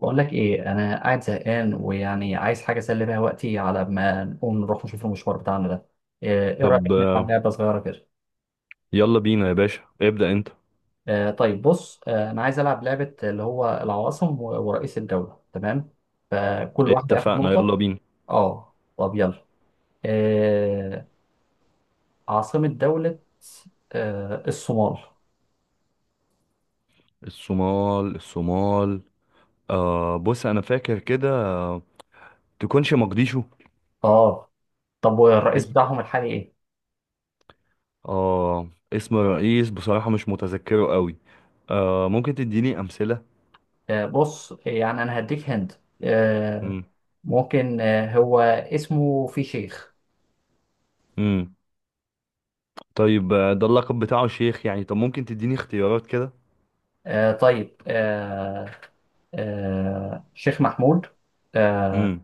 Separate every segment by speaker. Speaker 1: بقول لك ايه، انا قاعد زهقان ويعني عايز حاجه اسلي بيها وقتي على ما نقوم نروح نشوف المشوار بتاعنا ده. إيه
Speaker 2: طب،
Speaker 1: رايك نلعب لعبه صغيره كده؟
Speaker 2: يلا بينا يا باشا، ابدأ انت.
Speaker 1: طيب بص، انا عايز العب لعبه اللي هو العواصم ورئيس الدوله، تمام؟ فكل واحد هياخد
Speaker 2: اتفقنا، يلا
Speaker 1: نقطه.
Speaker 2: بينا.
Speaker 1: اه، طب يلا. آه عاصمه دوله. الصومال.
Speaker 2: الصومال الصومال. بص، انا فاكر كده، تكونش مقديشو؟
Speaker 1: اه، طب والرئيس بتاعهم
Speaker 2: ايوه.
Speaker 1: الحالي ايه؟
Speaker 2: اه، اسم الرئيس بصراحة مش متذكره قوي. ممكن تديني امثلة؟
Speaker 1: بص، يعني انا هديك هند. آه
Speaker 2: امم.
Speaker 1: ممكن، هو اسمه في شيخ.
Speaker 2: امم طيب، ده اللقب بتاعه شيخ يعني، طب ممكن تديني اختيارات كده؟
Speaker 1: طيب، شيخ محمود، آه
Speaker 2: امم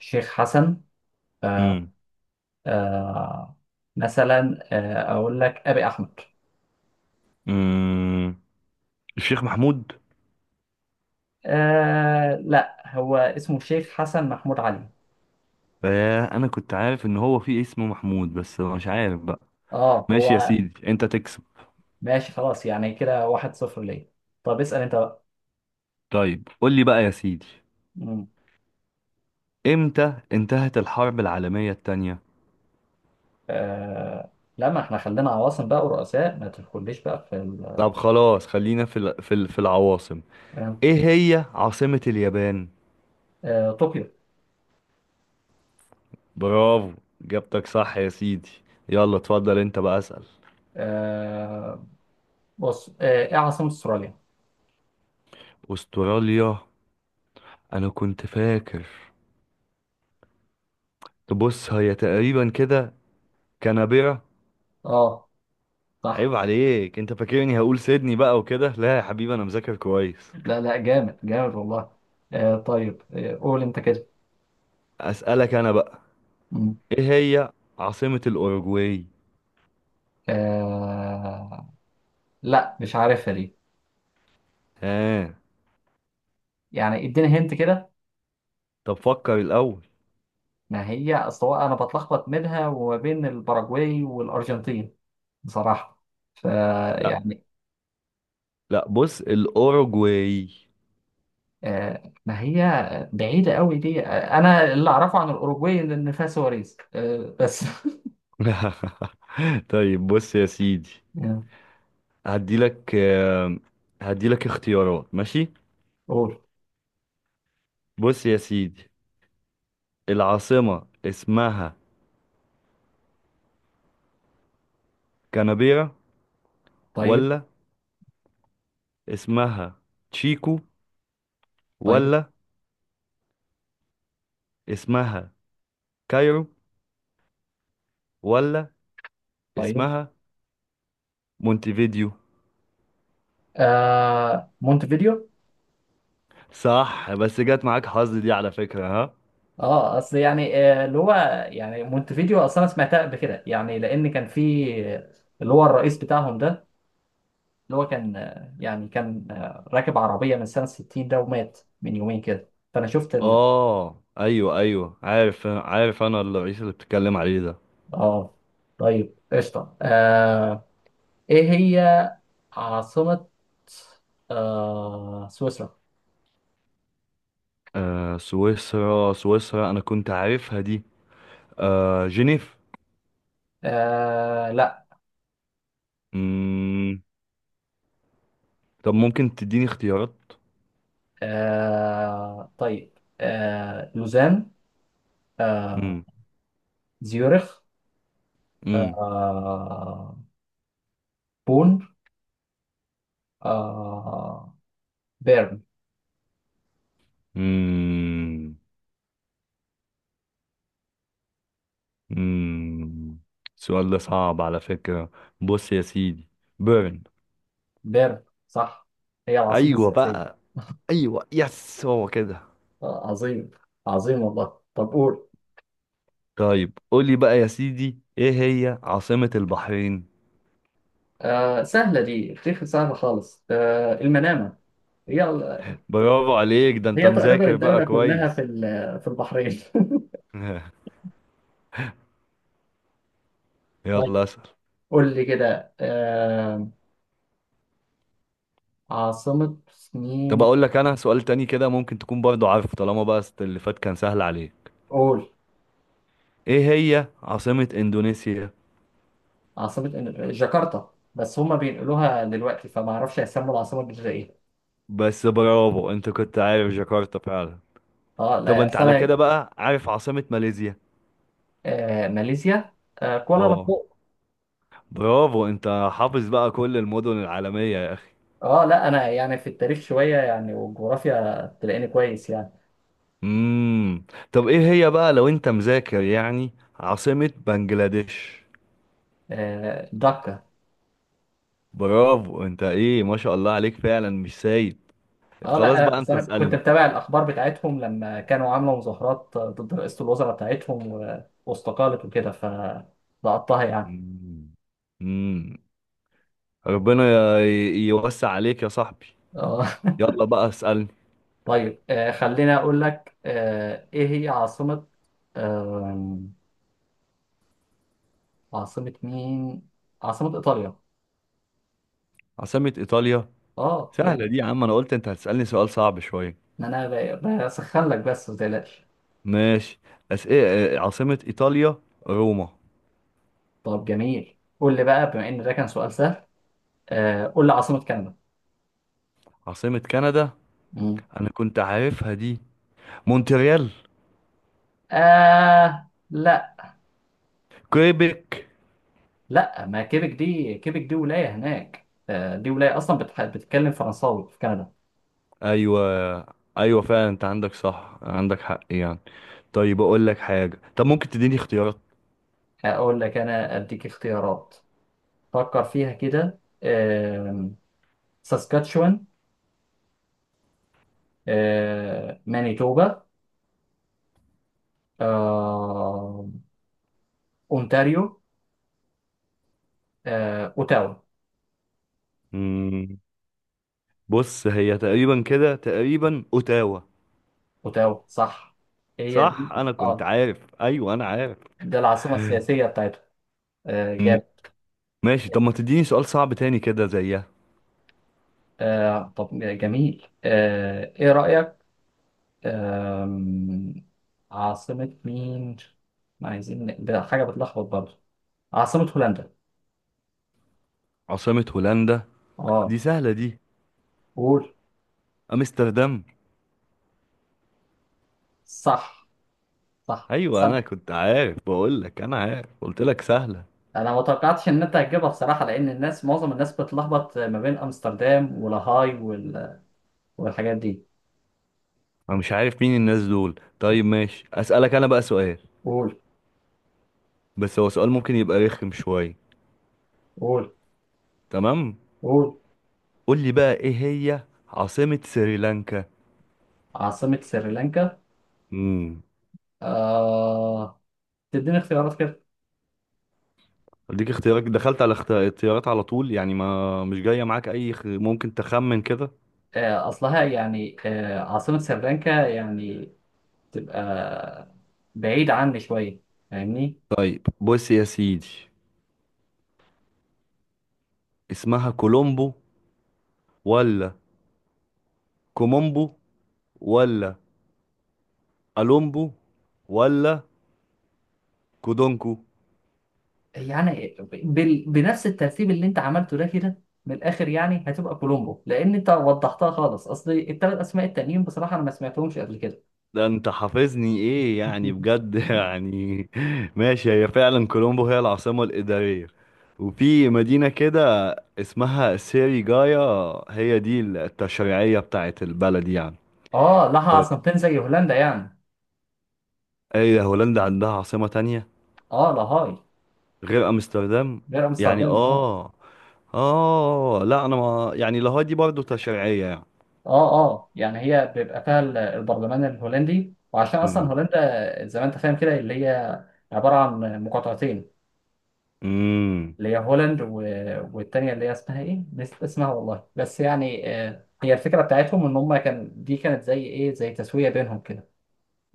Speaker 1: شيخ حسن. آه
Speaker 2: امم
Speaker 1: آه، مثلا أقول لك أبي أحمد.
Speaker 2: امم الشيخ محمود.
Speaker 1: لا، هو اسمه شيخ حسن محمود علي.
Speaker 2: انا كنت عارف ان هو في اسمه محمود، بس مش عارف بقى.
Speaker 1: اه،
Speaker 2: ماشي يا
Speaker 1: هو.
Speaker 2: سيدي، انت تكسب.
Speaker 1: ماشي، خلاص. يعني كده واحد صفر ليه. طب اسأل أنت بقى.
Speaker 2: طيب، قول لي بقى يا سيدي،
Speaker 1: مم.
Speaker 2: امتى انتهت الحرب العالمية التانية؟
Speaker 1: آه لا، ما احنا خلينا عواصم بقى ورؤساء، ما تدخليش بقى في ال.
Speaker 2: طب خلاص، خلينا في العواصم. ايه هي عاصمة اليابان؟
Speaker 1: طوكيو.
Speaker 2: برافو، جبتك صح يا سيدي. يلا، اتفضل انت بقى، اسأل.
Speaker 1: آه بص، ايه عاصمة استراليا؟
Speaker 2: استراليا، انا كنت فاكر. تبص هي تقريبا كده، كانبرا.
Speaker 1: اه، صح.
Speaker 2: عيب عليك، انت فاكرني هقول سيدني بقى وكده؟ لا يا حبيبي، انا مذاكر كويس.
Speaker 1: لا لا، جامد جامد والله. طيب، قول انت كده.
Speaker 2: اسألك انا بقى،
Speaker 1: مم.
Speaker 2: ايه هي عاصمة الاوروجواي؟
Speaker 1: آه لا، مش عارفها دي.
Speaker 2: ها؟
Speaker 1: يعني اديني هنت كده.
Speaker 2: طب، فكر الاول.
Speaker 1: ما هي اصل هو انا بتلخبط منها وما بين الباراجواي والارجنتين، بصراحة.
Speaker 2: لا
Speaker 1: فيعني
Speaker 2: لا، بص، الأوروجواي.
Speaker 1: ما هي بعيدة قوي دي. انا اللي اعرفه عن الاوروجواي إن فيها سواريز، بس.
Speaker 2: طيب، بص يا سيدي،
Speaker 1: آه،
Speaker 2: هديلك آه، هديلك اختيارات، ماشي؟
Speaker 1: قول.
Speaker 2: بص يا سيدي، العاصمة اسمها كانبيرا،
Speaker 1: طيب،
Speaker 2: ولا اسمها تشيكو،
Speaker 1: طيب،
Speaker 2: ولا اسمها كايرو، ولا
Speaker 1: طيب.
Speaker 2: اسمها مونتيفيديو؟
Speaker 1: مونتفيديو.
Speaker 2: صح، بس جت معاك حظ دي على فكرة، ها.
Speaker 1: اه، اصل يعني، اللي هو، يعني مونتفيديو اصلا انا سمعتها قبل كده، يعني لان كان في اللي هو الرئيس بتاعهم ده، اللي هو كان راكب عربيه من سنه 60 ده، ومات من يومين كده، فانا شفت ال.
Speaker 2: اه ايوه ايوه، عارف عارف، انا الرئيس اللي بتتكلم عليه ده.
Speaker 1: اه، طيب قشطه. ايه هي عاصمه سويسرا؟
Speaker 2: سويسرا سويسرا، انا كنت عارفها دي. جنيف.
Speaker 1: لا.
Speaker 2: مم. طب ممكن تديني اختيارات؟
Speaker 1: طيب، لوزان، آه
Speaker 2: مم.
Speaker 1: زيورخ،
Speaker 2: مم.
Speaker 1: آه بون، آه بيرن.
Speaker 2: مم. مم. السؤال ده صعب على فكرة. بص يا سيدي، بيرن.
Speaker 1: بيرن صح، هي العاصمة
Speaker 2: ايوه
Speaker 1: السياسية.
Speaker 2: بقى. ايوه، يس، هو كده.
Speaker 1: عظيم، عظيم والله. طب قول.
Speaker 2: طيب، قولي بقى يا سيدي، ايه هي عاصمة البحرين؟
Speaker 1: سهلة دي، اختيار سهلة خالص، المنامة. هي ال-
Speaker 2: برافو عليك، ده انت
Speaker 1: هي تقريبا
Speaker 2: مذاكر بقى
Speaker 1: الدولة كلها في
Speaker 2: كويس.
Speaker 1: ال- في البحرين. طيب.
Speaker 2: يلا، اسأل.
Speaker 1: قول لي كده، عاصمة
Speaker 2: طب
Speaker 1: مين؟
Speaker 2: اقول لك انا سؤال تاني كده، ممكن تكون برضو عارفه طالما بقى، اللي فات كان سهل عليك.
Speaker 1: قول.
Speaker 2: ايه هي عاصمة اندونيسيا؟
Speaker 1: عاصمة جاكرتا، بس هما بينقلوها دلوقتي فما اعرفش هيسموا العاصمة الجديدة ايه.
Speaker 2: بس برافو، انت كنت عارف جاكرتا فعلا.
Speaker 1: اه،
Speaker 2: طب
Speaker 1: لا،
Speaker 2: انت
Speaker 1: اصل
Speaker 2: على
Speaker 1: انا.
Speaker 2: كده بقى عارف عاصمة ماليزيا؟
Speaker 1: ماليزيا،
Speaker 2: اه.
Speaker 1: كوالالمبور.
Speaker 2: برافو، انت حافظ بقى كل المدن العالمية يا اخي.
Speaker 1: اه لا، انا يعني في التاريخ شويه، يعني، والجغرافيا تلاقيني كويس يعني.
Speaker 2: امم. طب ايه هي بقى لو انت مذاكر يعني، عاصمة بنجلاديش؟
Speaker 1: دكه.
Speaker 2: برافو، انت ايه، ما شاء الله عليك فعلا، مش سايب.
Speaker 1: اه
Speaker 2: خلاص
Speaker 1: لا،
Speaker 2: بقى،
Speaker 1: أصل
Speaker 2: انت
Speaker 1: انا كنت
Speaker 2: اسألني.
Speaker 1: متابع الاخبار بتاعتهم لما كانوا عاملوا مظاهرات ضد رئاسه الوزراء بتاعتهم واستقالت وكده، فلقطتها يعني.
Speaker 2: مم. ربنا يوسع عليك يا صاحبي.
Speaker 1: اه.
Speaker 2: يلا بقى، اسألني.
Speaker 1: طيب، خليني اقول لك. ايه هي عاصمه، آه عاصمه مين، عاصمه ايطاليا؟
Speaker 2: عاصمة إيطاليا.
Speaker 1: اه
Speaker 2: سهلة دي
Speaker 1: يعني،
Speaker 2: يا عم، أنا قلت أنت هتسألني سؤال صعب شوية.
Speaker 1: ما انا بسخن لك بس، ما تقلقش.
Speaker 2: ماشي. إيه، عاصمة إيطاليا، روما.
Speaker 1: طب جميل، قول لي بقى، بما ان ده كان سؤال سهل، قول لي عاصمة كندا.
Speaker 2: عاصمة كندا.
Speaker 1: مم.
Speaker 2: أنا كنت عارفها دي. مونتريال.
Speaker 1: لا
Speaker 2: كويبك.
Speaker 1: لا، ما كيبك دي ولاية هناك. دي ولاية أصلا بتتكلم فرنساوي في كندا.
Speaker 2: أيوة أيوة، فعلا أنت عندك صح، عندك حق يعني. طيب أقول لك حاجة، طب ممكن تديني اختيارات؟
Speaker 1: أقول لك أنا أديك اختيارات. فكر فيها كده. ساسكاتشوان، مانيتوبا، آه أونتاريو، أوتاوا.
Speaker 2: مم. بص، هي تقريبا كده، تقريبا أوتاوا.
Speaker 1: أوتاوا صح، هي دي.
Speaker 2: صح، أنا كنت
Speaker 1: اه،
Speaker 2: عارف، أيوة أنا عارف.
Speaker 1: ده العاصمة السياسية بتاعتها.
Speaker 2: مم.
Speaker 1: جاب.
Speaker 2: ماشي، طب ما تديني سؤال صعب تاني كده زيها.
Speaker 1: طب جميل، إيه رأيك؟ أم... عاصمة مين؟ ما عايزين ده حاجة بتلخبط برضه. عاصمة هولندا.
Speaker 2: عاصمة هولندا.
Speaker 1: اه،
Speaker 2: دي سهلة دي.
Speaker 1: قول.
Speaker 2: أمستردام.
Speaker 1: صح، صح،
Speaker 2: أيوة،
Speaker 1: صح.
Speaker 2: أنا كنت عارف، بقول لك أنا عارف، قلت لك سهلة.
Speaker 1: انا ما توقعتش ان انت هتجيبها بصراحة، لان معظم الناس بتلخبط ما بين امستردام ولاهاي وال. والحاجات دي.
Speaker 2: أنا مش عارف مين الناس دول. طيب ماشي، أسألك أنا بقى سؤال.
Speaker 1: قول،
Speaker 2: بس هو سؤال ممكن يبقى رخم شوية.
Speaker 1: قول،
Speaker 2: تمام.
Speaker 1: قول.
Speaker 2: قول لي بقى، إيه هي عاصمة سريلانكا؟
Speaker 1: عاصمة سريلانكا.
Speaker 2: امم.
Speaker 1: آه تديني اختيارات كده.
Speaker 2: أديك اختيارات؟ دخلت على اختيارات على طول يعني، ما مش جاية معاك أي ممكن تخمن كده.
Speaker 1: أصلها يعني، عاصمة سريلانكا يعني تبقى بعيد عني شوية، فاهمني؟
Speaker 2: طيب بص يا سيدي، اسمها كولومبو، ولا كومومبو، ولا ألومبو، ولا كودونكو؟
Speaker 1: يعني بنفس الترتيب اللي انت عملته ده، كده من الاخر، يعني هتبقى كولومبو، لان انت وضحتها خالص، اصل الثلاث اسماء التانيين بصراحه انا ما سمعتهمش قبل كده.
Speaker 2: ده انت حافظني ايه يعني، بجد يعني. ماشي، هي فعلا كولومبو هي العاصمة الإدارية. وفي مدينة كده اسمها سيريجايا، هي دي التشريعية بتاعت البلد يعني.
Speaker 1: اه، لها
Speaker 2: طيب،
Speaker 1: عاصمتين زي هولندا يعني.
Speaker 2: ايه ده هولندا عندها عاصمة تانية
Speaker 1: اه، لاهاي.
Speaker 2: غير أمستردام
Speaker 1: غير
Speaker 2: يعني؟
Speaker 1: امستردام، لاهاي.
Speaker 2: اه. اه لا، انا ما يعني، لاهاي دي برضه تشريعية يعني.
Speaker 1: اه اه، يعني هي بيبقى فيها البرلمان الهولندي، وعشان اصلا هولندا زي ما انت فاهم كده، اللي هي عباره عن مقاطعتين،
Speaker 2: امم.
Speaker 1: اللي هي هولند و... والتانية اللي هي اسمها ايه؟ نسيت اسمها والله. بس يعني، هي الفكرة بتاعتهم ان هم كان دي كانت زي ايه، زي تسوية بينهم كده.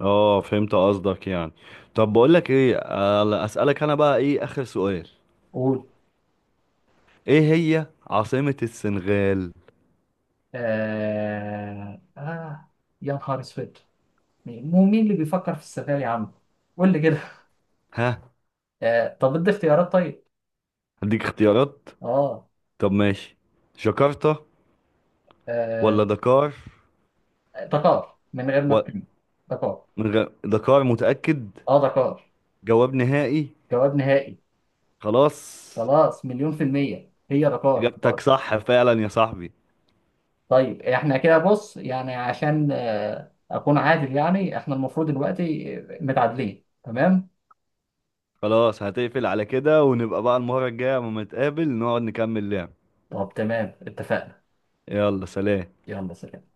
Speaker 2: اه، فهمت قصدك يعني. طب بقولك ايه، اسألك انا بقى، ايه اخر سؤال.
Speaker 1: قول.
Speaker 2: ايه هي عاصمة السنغال؟
Speaker 1: آه... آه... يا نهار اسود. مين مو مين اللي بيفكر في السفاري يا عم؟ قول لي كده.
Speaker 2: ها.
Speaker 1: طب ادي اختيارات طيب.
Speaker 2: هديك اختيارات.
Speaker 1: اه.
Speaker 2: طب ماشي، جاكرتا
Speaker 1: آه،
Speaker 2: ولا دكار؟
Speaker 1: دكار، من غير ما
Speaker 2: و...
Speaker 1: تكلم. دكار.
Speaker 2: دكار، متأكد.
Speaker 1: اه، دكار.
Speaker 2: جواب نهائي.
Speaker 1: جواب نهائي.
Speaker 2: خلاص.
Speaker 1: خلاص، مليون في المية هي دكار.
Speaker 2: اجابتك صح فعلا يا صاحبي.
Speaker 1: طيب، احنا كده بص يعني، عشان اكون عادل يعني، احنا المفروض دلوقتي متعادلين، تمام.
Speaker 2: خلاص، هتقفل على كده، ونبقى بقى المرة الجاية لما نتقابل نقعد نكمل لعب.
Speaker 1: طب تمام، اتفقنا.
Speaker 2: يلا، سلام.
Speaker 1: يلا سلام.